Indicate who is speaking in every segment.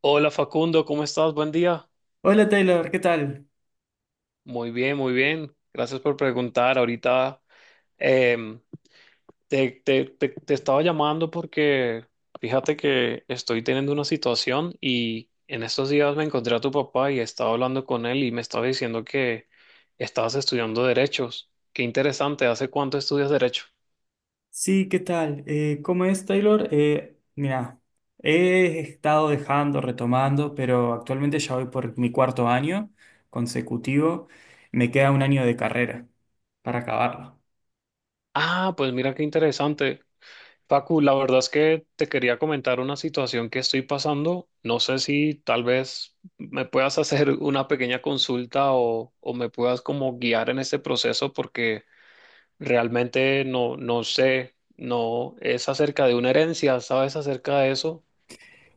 Speaker 1: Hola Facundo, ¿cómo estás? Buen día.
Speaker 2: Hola Taylor, ¿qué tal?
Speaker 1: Muy bien, muy bien. Gracias por preguntar. Ahorita em, te estaba llamando porque fíjate que estoy teniendo una situación y en estos días me encontré a tu papá y estaba hablando con él y me estaba diciendo que estabas estudiando derechos. Qué interesante. ¿Hace cuánto estudias derecho?
Speaker 2: Sí, ¿qué tal? ¿Cómo es Taylor? Mira, he estado dejando, retomando, pero actualmente ya voy por mi cuarto año consecutivo. Me queda un año de carrera para acabarlo.
Speaker 1: Ah, pues mira qué interesante. Facu, la verdad es que te quería comentar una situación que estoy pasando. No sé si tal vez me puedas hacer una pequeña consulta o, me puedas como guiar en este proceso porque realmente no sé, no es acerca de una herencia, ¿sabes acerca de eso?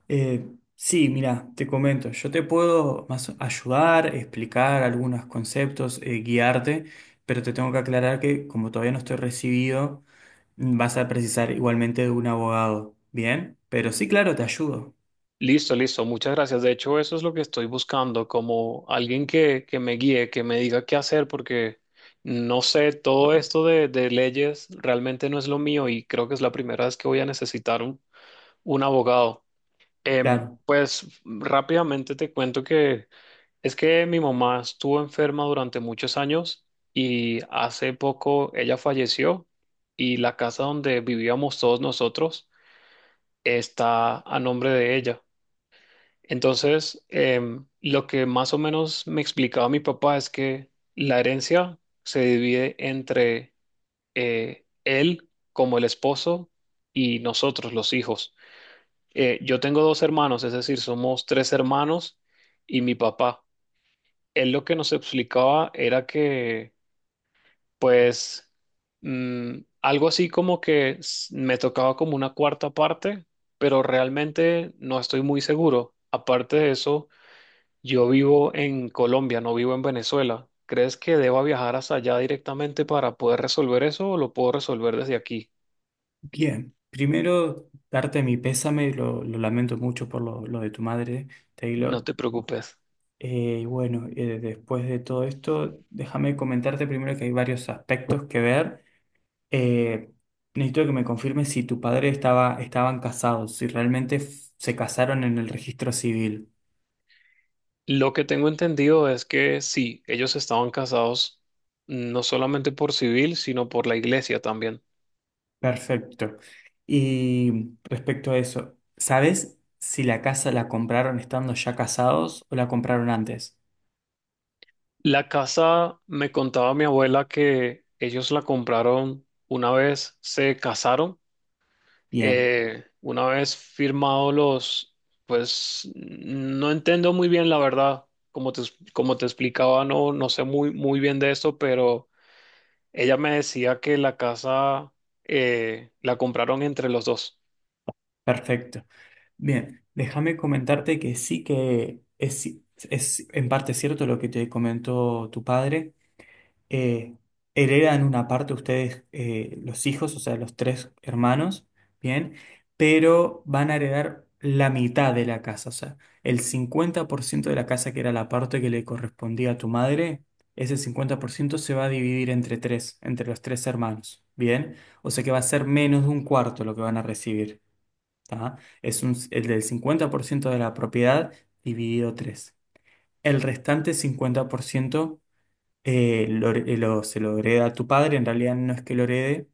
Speaker 2: Eh, sí, mira, te comento, yo te puedo más ayudar, explicar algunos conceptos, guiarte, pero te tengo que aclarar que como todavía no estoy recibido, vas a precisar igualmente de un abogado, ¿bien? Pero sí, claro, te ayudo.
Speaker 1: Listo, listo, muchas gracias. De hecho, eso es lo que estoy buscando, como alguien que me guíe, que me diga qué hacer porque... No sé, todo esto de leyes realmente no es lo mío y creo que es la primera vez que voy a necesitar un abogado.
Speaker 2: Claro.
Speaker 1: Pues rápidamente te cuento que es que mi mamá estuvo enferma durante muchos años y hace poco ella falleció y la casa donde vivíamos todos nosotros está a nombre de ella. Entonces, lo que más o menos me explicaba mi papá es que la herencia se divide entre él como el esposo y nosotros los hijos. Yo tengo dos hermanos, es decir, somos tres hermanos y mi papá. Él lo que nos explicaba era que, pues, algo así como que me tocaba como una cuarta parte, pero realmente no estoy muy seguro. Aparte de eso, yo vivo en Colombia, no vivo en Venezuela. ¿Crees que deba viajar hasta allá directamente para poder resolver eso o lo puedo resolver desde aquí?
Speaker 2: Bien, primero darte mi pésame, lo lamento mucho por lo de tu madre,
Speaker 1: No
Speaker 2: Taylor.
Speaker 1: te preocupes.
Speaker 2: Y bueno, después de todo esto, déjame comentarte primero que hay varios aspectos que ver. Eh, necesito que me confirmes si tu padre estaba, estaban casados, si realmente se casaron en el registro civil.
Speaker 1: Lo que tengo entendido es que sí, ellos estaban casados. Mm, no solamente por civil, sino por la iglesia también.
Speaker 2: Perfecto. Y respecto a eso, ¿sabes si la casa la compraron estando ya casados o la compraron antes?
Speaker 1: La casa, me contaba mi abuela que ellos la compraron una vez se casaron,
Speaker 2: Bien,
Speaker 1: una vez firmados los, pues no entiendo muy bien la verdad, como te, como te explicaba, no, no sé muy bien de esto, pero ella me decía que la casa la compraron entre los dos.
Speaker 2: perfecto. Bien, déjame comentarte que es en parte cierto lo que te comentó tu padre. Eh, heredan una parte ustedes, los hijos, o sea, los tres hermanos, bien, pero van a heredar la mitad de la casa, o sea, el 50% de la casa que era la parte que le correspondía a tu madre, ese 50% se va a dividir entre tres, entre los tres hermanos, bien, o sea que va a ser menos de un cuarto lo que van a recibir. ¿Tá? Es un, el del 50% de la propiedad dividido tres. El restante 50% se lo hereda a tu padre, en realidad no es que lo herede,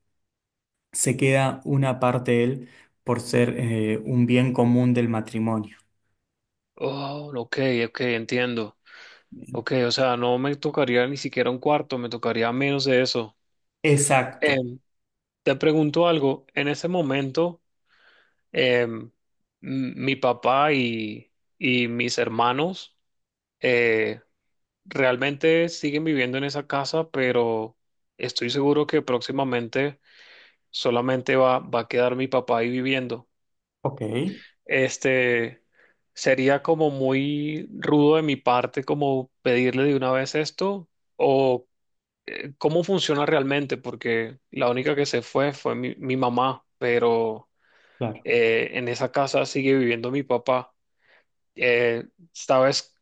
Speaker 2: se queda una parte él por ser un bien común del matrimonio.
Speaker 1: Oh, ok, ok, entiendo. Ok, o sea, no me tocaría ni siquiera un cuarto, me tocaría menos de eso.
Speaker 2: Exacto.
Speaker 1: Em, te pregunto algo, en ese momento, em, mi papá y mis hermanos eh, realmente siguen viviendo en esa casa, pero estoy seguro que próximamente solamente va a quedar mi papá ahí viviendo.
Speaker 2: Ok,
Speaker 1: Este sería como muy rudo de mi parte como pedirle de una vez esto o cómo funciona realmente, porque la única que se fue fue mi, mi mamá, pero
Speaker 2: claro.
Speaker 1: en esa casa sigue viviendo mi papá. Eh, ¿Sabes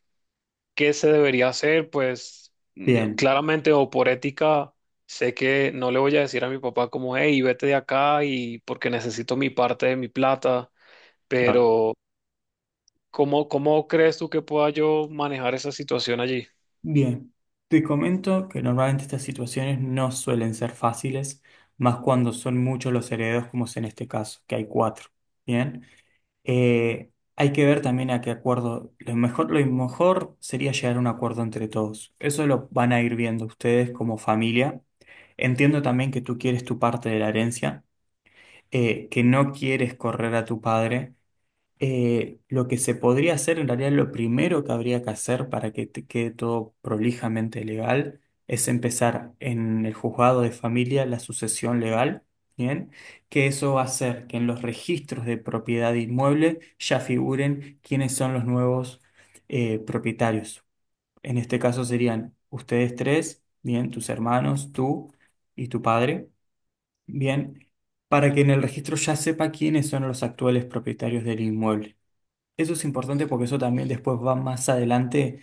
Speaker 1: qué se debería hacer? Pues yo
Speaker 2: Bien,
Speaker 1: claramente o por ética sé que no le voy a decir a mi papá como, hey, vete de acá y porque necesito mi parte de mi plata,
Speaker 2: claro.
Speaker 1: pero ¿cómo, cómo crees tú que pueda yo manejar esa situación allí?
Speaker 2: Bien. Te comento que normalmente estas situaciones no suelen ser fáciles, más cuando son muchos los herederos, como es en este caso, que hay cuatro. Bien. Hay que ver también a qué acuerdo. Lo mejor sería llegar a un acuerdo entre todos. Eso lo van a ir viendo ustedes como familia. Entiendo también que tú quieres tu parte de la herencia, que no quieres correr a tu padre. Lo que se podría hacer, en realidad lo primero que habría que hacer para que te quede todo prolijamente legal, es empezar en el juzgado de familia la sucesión legal, ¿bien? Que eso va a hacer que en los registros de propiedad de inmueble ya figuren quiénes son los nuevos propietarios. En este caso serían ustedes tres, ¿bien? Tus hermanos, tú y tu padre, ¿bien? Para que en el registro ya sepa quiénes son los actuales propietarios del inmueble. Eso es importante porque eso también después va más adelante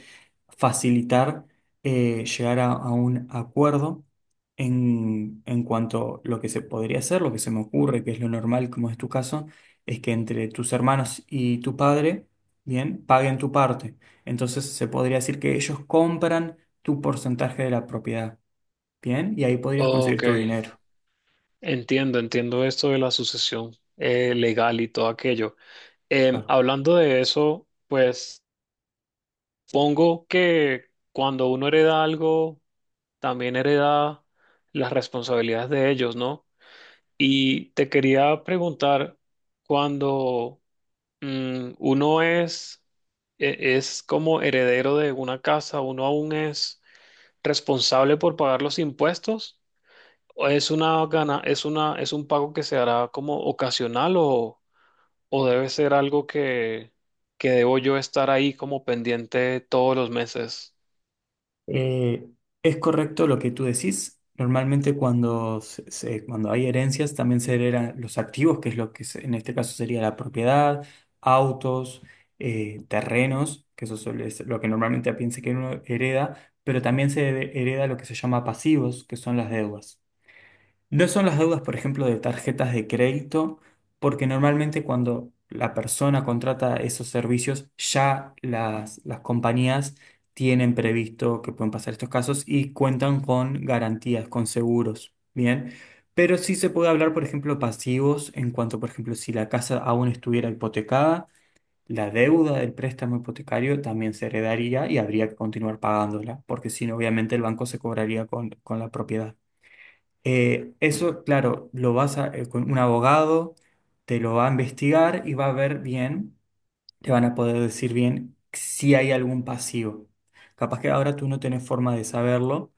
Speaker 2: facilitar llegar a un acuerdo en cuanto a lo que se podría hacer, lo que se me ocurre, que es lo normal, como es tu caso, es que entre tus hermanos y tu padre, bien, paguen tu parte. Entonces se podría decir que ellos compran tu porcentaje de la propiedad, bien, y ahí podrías conseguir
Speaker 1: Ok,
Speaker 2: tu dinero.
Speaker 1: entiendo, entiendo esto de la sucesión legal y todo aquello. Hablando de eso, pues pongo que cuando uno hereda algo, también hereda las responsabilidades de ellos, ¿no? Y te quería preguntar, cuando uno es, es como heredero de una casa, ¿uno aún es responsable por pagar los impuestos? ¿O es una gana, es una, es un pago que se hará como ocasional o debe ser algo que debo yo estar ahí como pendiente todos los meses?
Speaker 2: Eh, es correcto lo que tú decís. Normalmente cuando, cuando hay herencias también se heredan los activos, que es lo que en este caso sería la propiedad, autos, terrenos, que eso suele ser lo que normalmente piensa que uno hereda, pero también se hereda lo que se llama pasivos, que son las deudas. No son las deudas, por ejemplo, de tarjetas de crédito, porque normalmente cuando la persona contrata esos servicios, ya las compañías tienen previsto que pueden pasar estos casos y cuentan con garantías, con seguros, ¿bien? Pero sí se puede hablar, por ejemplo, pasivos en cuanto, por ejemplo, si la casa aún estuviera hipotecada, la deuda del préstamo hipotecario también se heredaría y habría que continuar pagándola, porque si no, obviamente el banco se cobraría con la propiedad. Eso, claro, lo vas a, con un abogado, te lo va a investigar y va a ver bien, te van a poder decir bien si hay algún pasivo. Capaz que ahora tú no tenés forma de saberlo,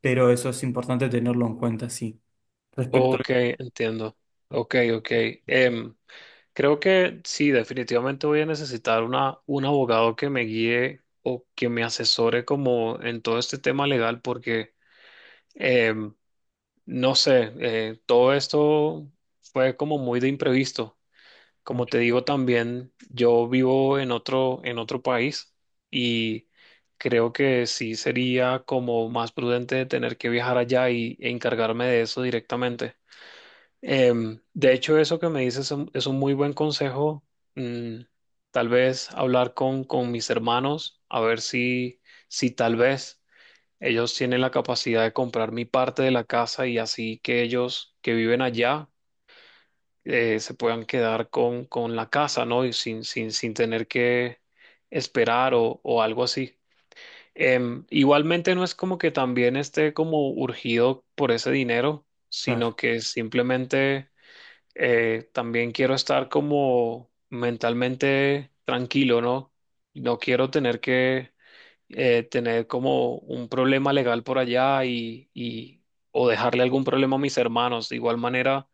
Speaker 2: pero eso es importante tenerlo en cuenta, sí. Respecto
Speaker 1: Ok,
Speaker 2: a...
Speaker 1: entiendo. Ok, ok. Em, creo que sí, definitivamente voy a necesitar una, un abogado que me guíe o que me asesore como en todo este tema legal porque em, no sé, todo esto fue como muy de imprevisto. Como te digo también, yo vivo en otro país y creo que sí sería como más prudente tener que viajar allá y, e encargarme de eso directamente. De hecho, eso que me dices es un muy buen consejo. Mm, tal vez hablar con mis hermanos, a ver si, si tal vez ellos tienen la capacidad de comprar mi parte de la casa y así que ellos que viven allá se puedan quedar con la casa, ¿no? Y sin, sin tener que esperar o algo así. Igualmente no es como que también esté como urgido por ese dinero,
Speaker 2: Claro,
Speaker 1: sino que simplemente también quiero estar como mentalmente tranquilo, ¿no? No quiero tener que tener como un problema legal por allá y o dejarle algún problema a mis hermanos. De igual manera,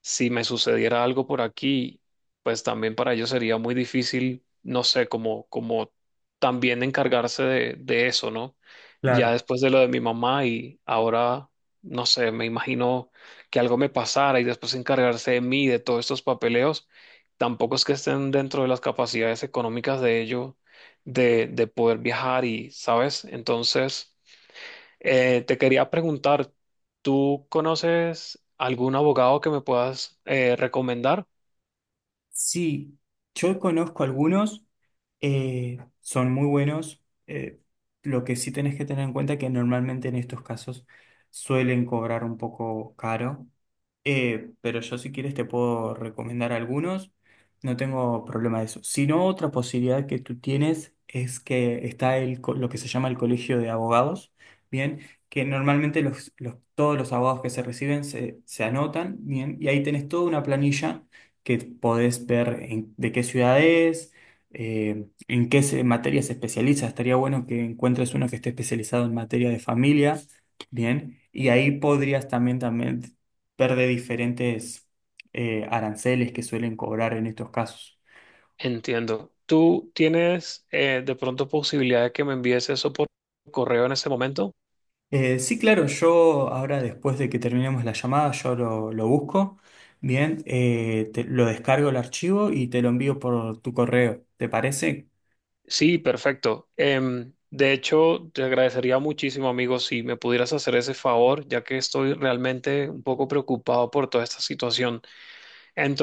Speaker 1: si me sucediera algo por aquí, pues también para ellos sería muy difícil, no sé, como, como también encargarse de eso, ¿no? Ya
Speaker 2: claro.
Speaker 1: después de lo de mi mamá y ahora, no sé, me imagino que algo me pasara y después encargarse de mí, de todos estos papeleos, tampoco es que estén dentro de las capacidades económicas de ellos de poder viajar y, ¿sabes? Entonces... te quería preguntar, ¿tú conoces algún abogado que me puedas recomendar?
Speaker 2: Sí, yo conozco algunos, son muy buenos. Lo que sí tenés que tener en cuenta es que normalmente en estos casos suelen cobrar un poco caro. Pero yo si quieres te puedo recomendar algunos, no tengo problema de eso. Si no, otra posibilidad que tú tienes es que está lo que se llama el colegio de abogados, ¿bien? Que normalmente todos los abogados que se reciben se anotan, ¿bien? Y ahí tenés toda una planilla que podés ver de qué ciudad es, en qué materia se especializa. Estaría bueno que encuentres uno que esté especializado en materia de familia, bien, y ahí podrías también, también ver de diferentes aranceles que suelen cobrar en estos casos.
Speaker 1: Entiendo. ¿Tú tienes de pronto posibilidad de que me envíes eso por correo en este momento?
Speaker 2: Sí, claro, yo ahora después de que terminemos la llamada, yo lo busco, bien, lo descargo el archivo y te lo envío por tu correo, ¿te parece?
Speaker 1: Sí, perfecto. De hecho, te agradecería muchísimo, amigo, si me pudieras hacer ese favor, ya que estoy realmente un poco preocupado por toda esta situación.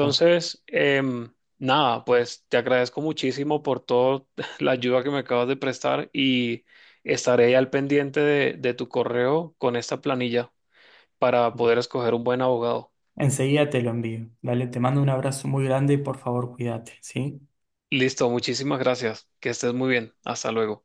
Speaker 2: Claro.
Speaker 1: nada, pues te agradezco muchísimo por toda la ayuda que me acabas de prestar y estaré al pendiente de tu correo con esta planilla para poder escoger un buen abogado.
Speaker 2: Enseguida te lo envío. Dale, te mando un abrazo muy grande y por favor cuídate, ¿sí?
Speaker 1: Listo, muchísimas gracias. Que estés muy bien. Hasta luego.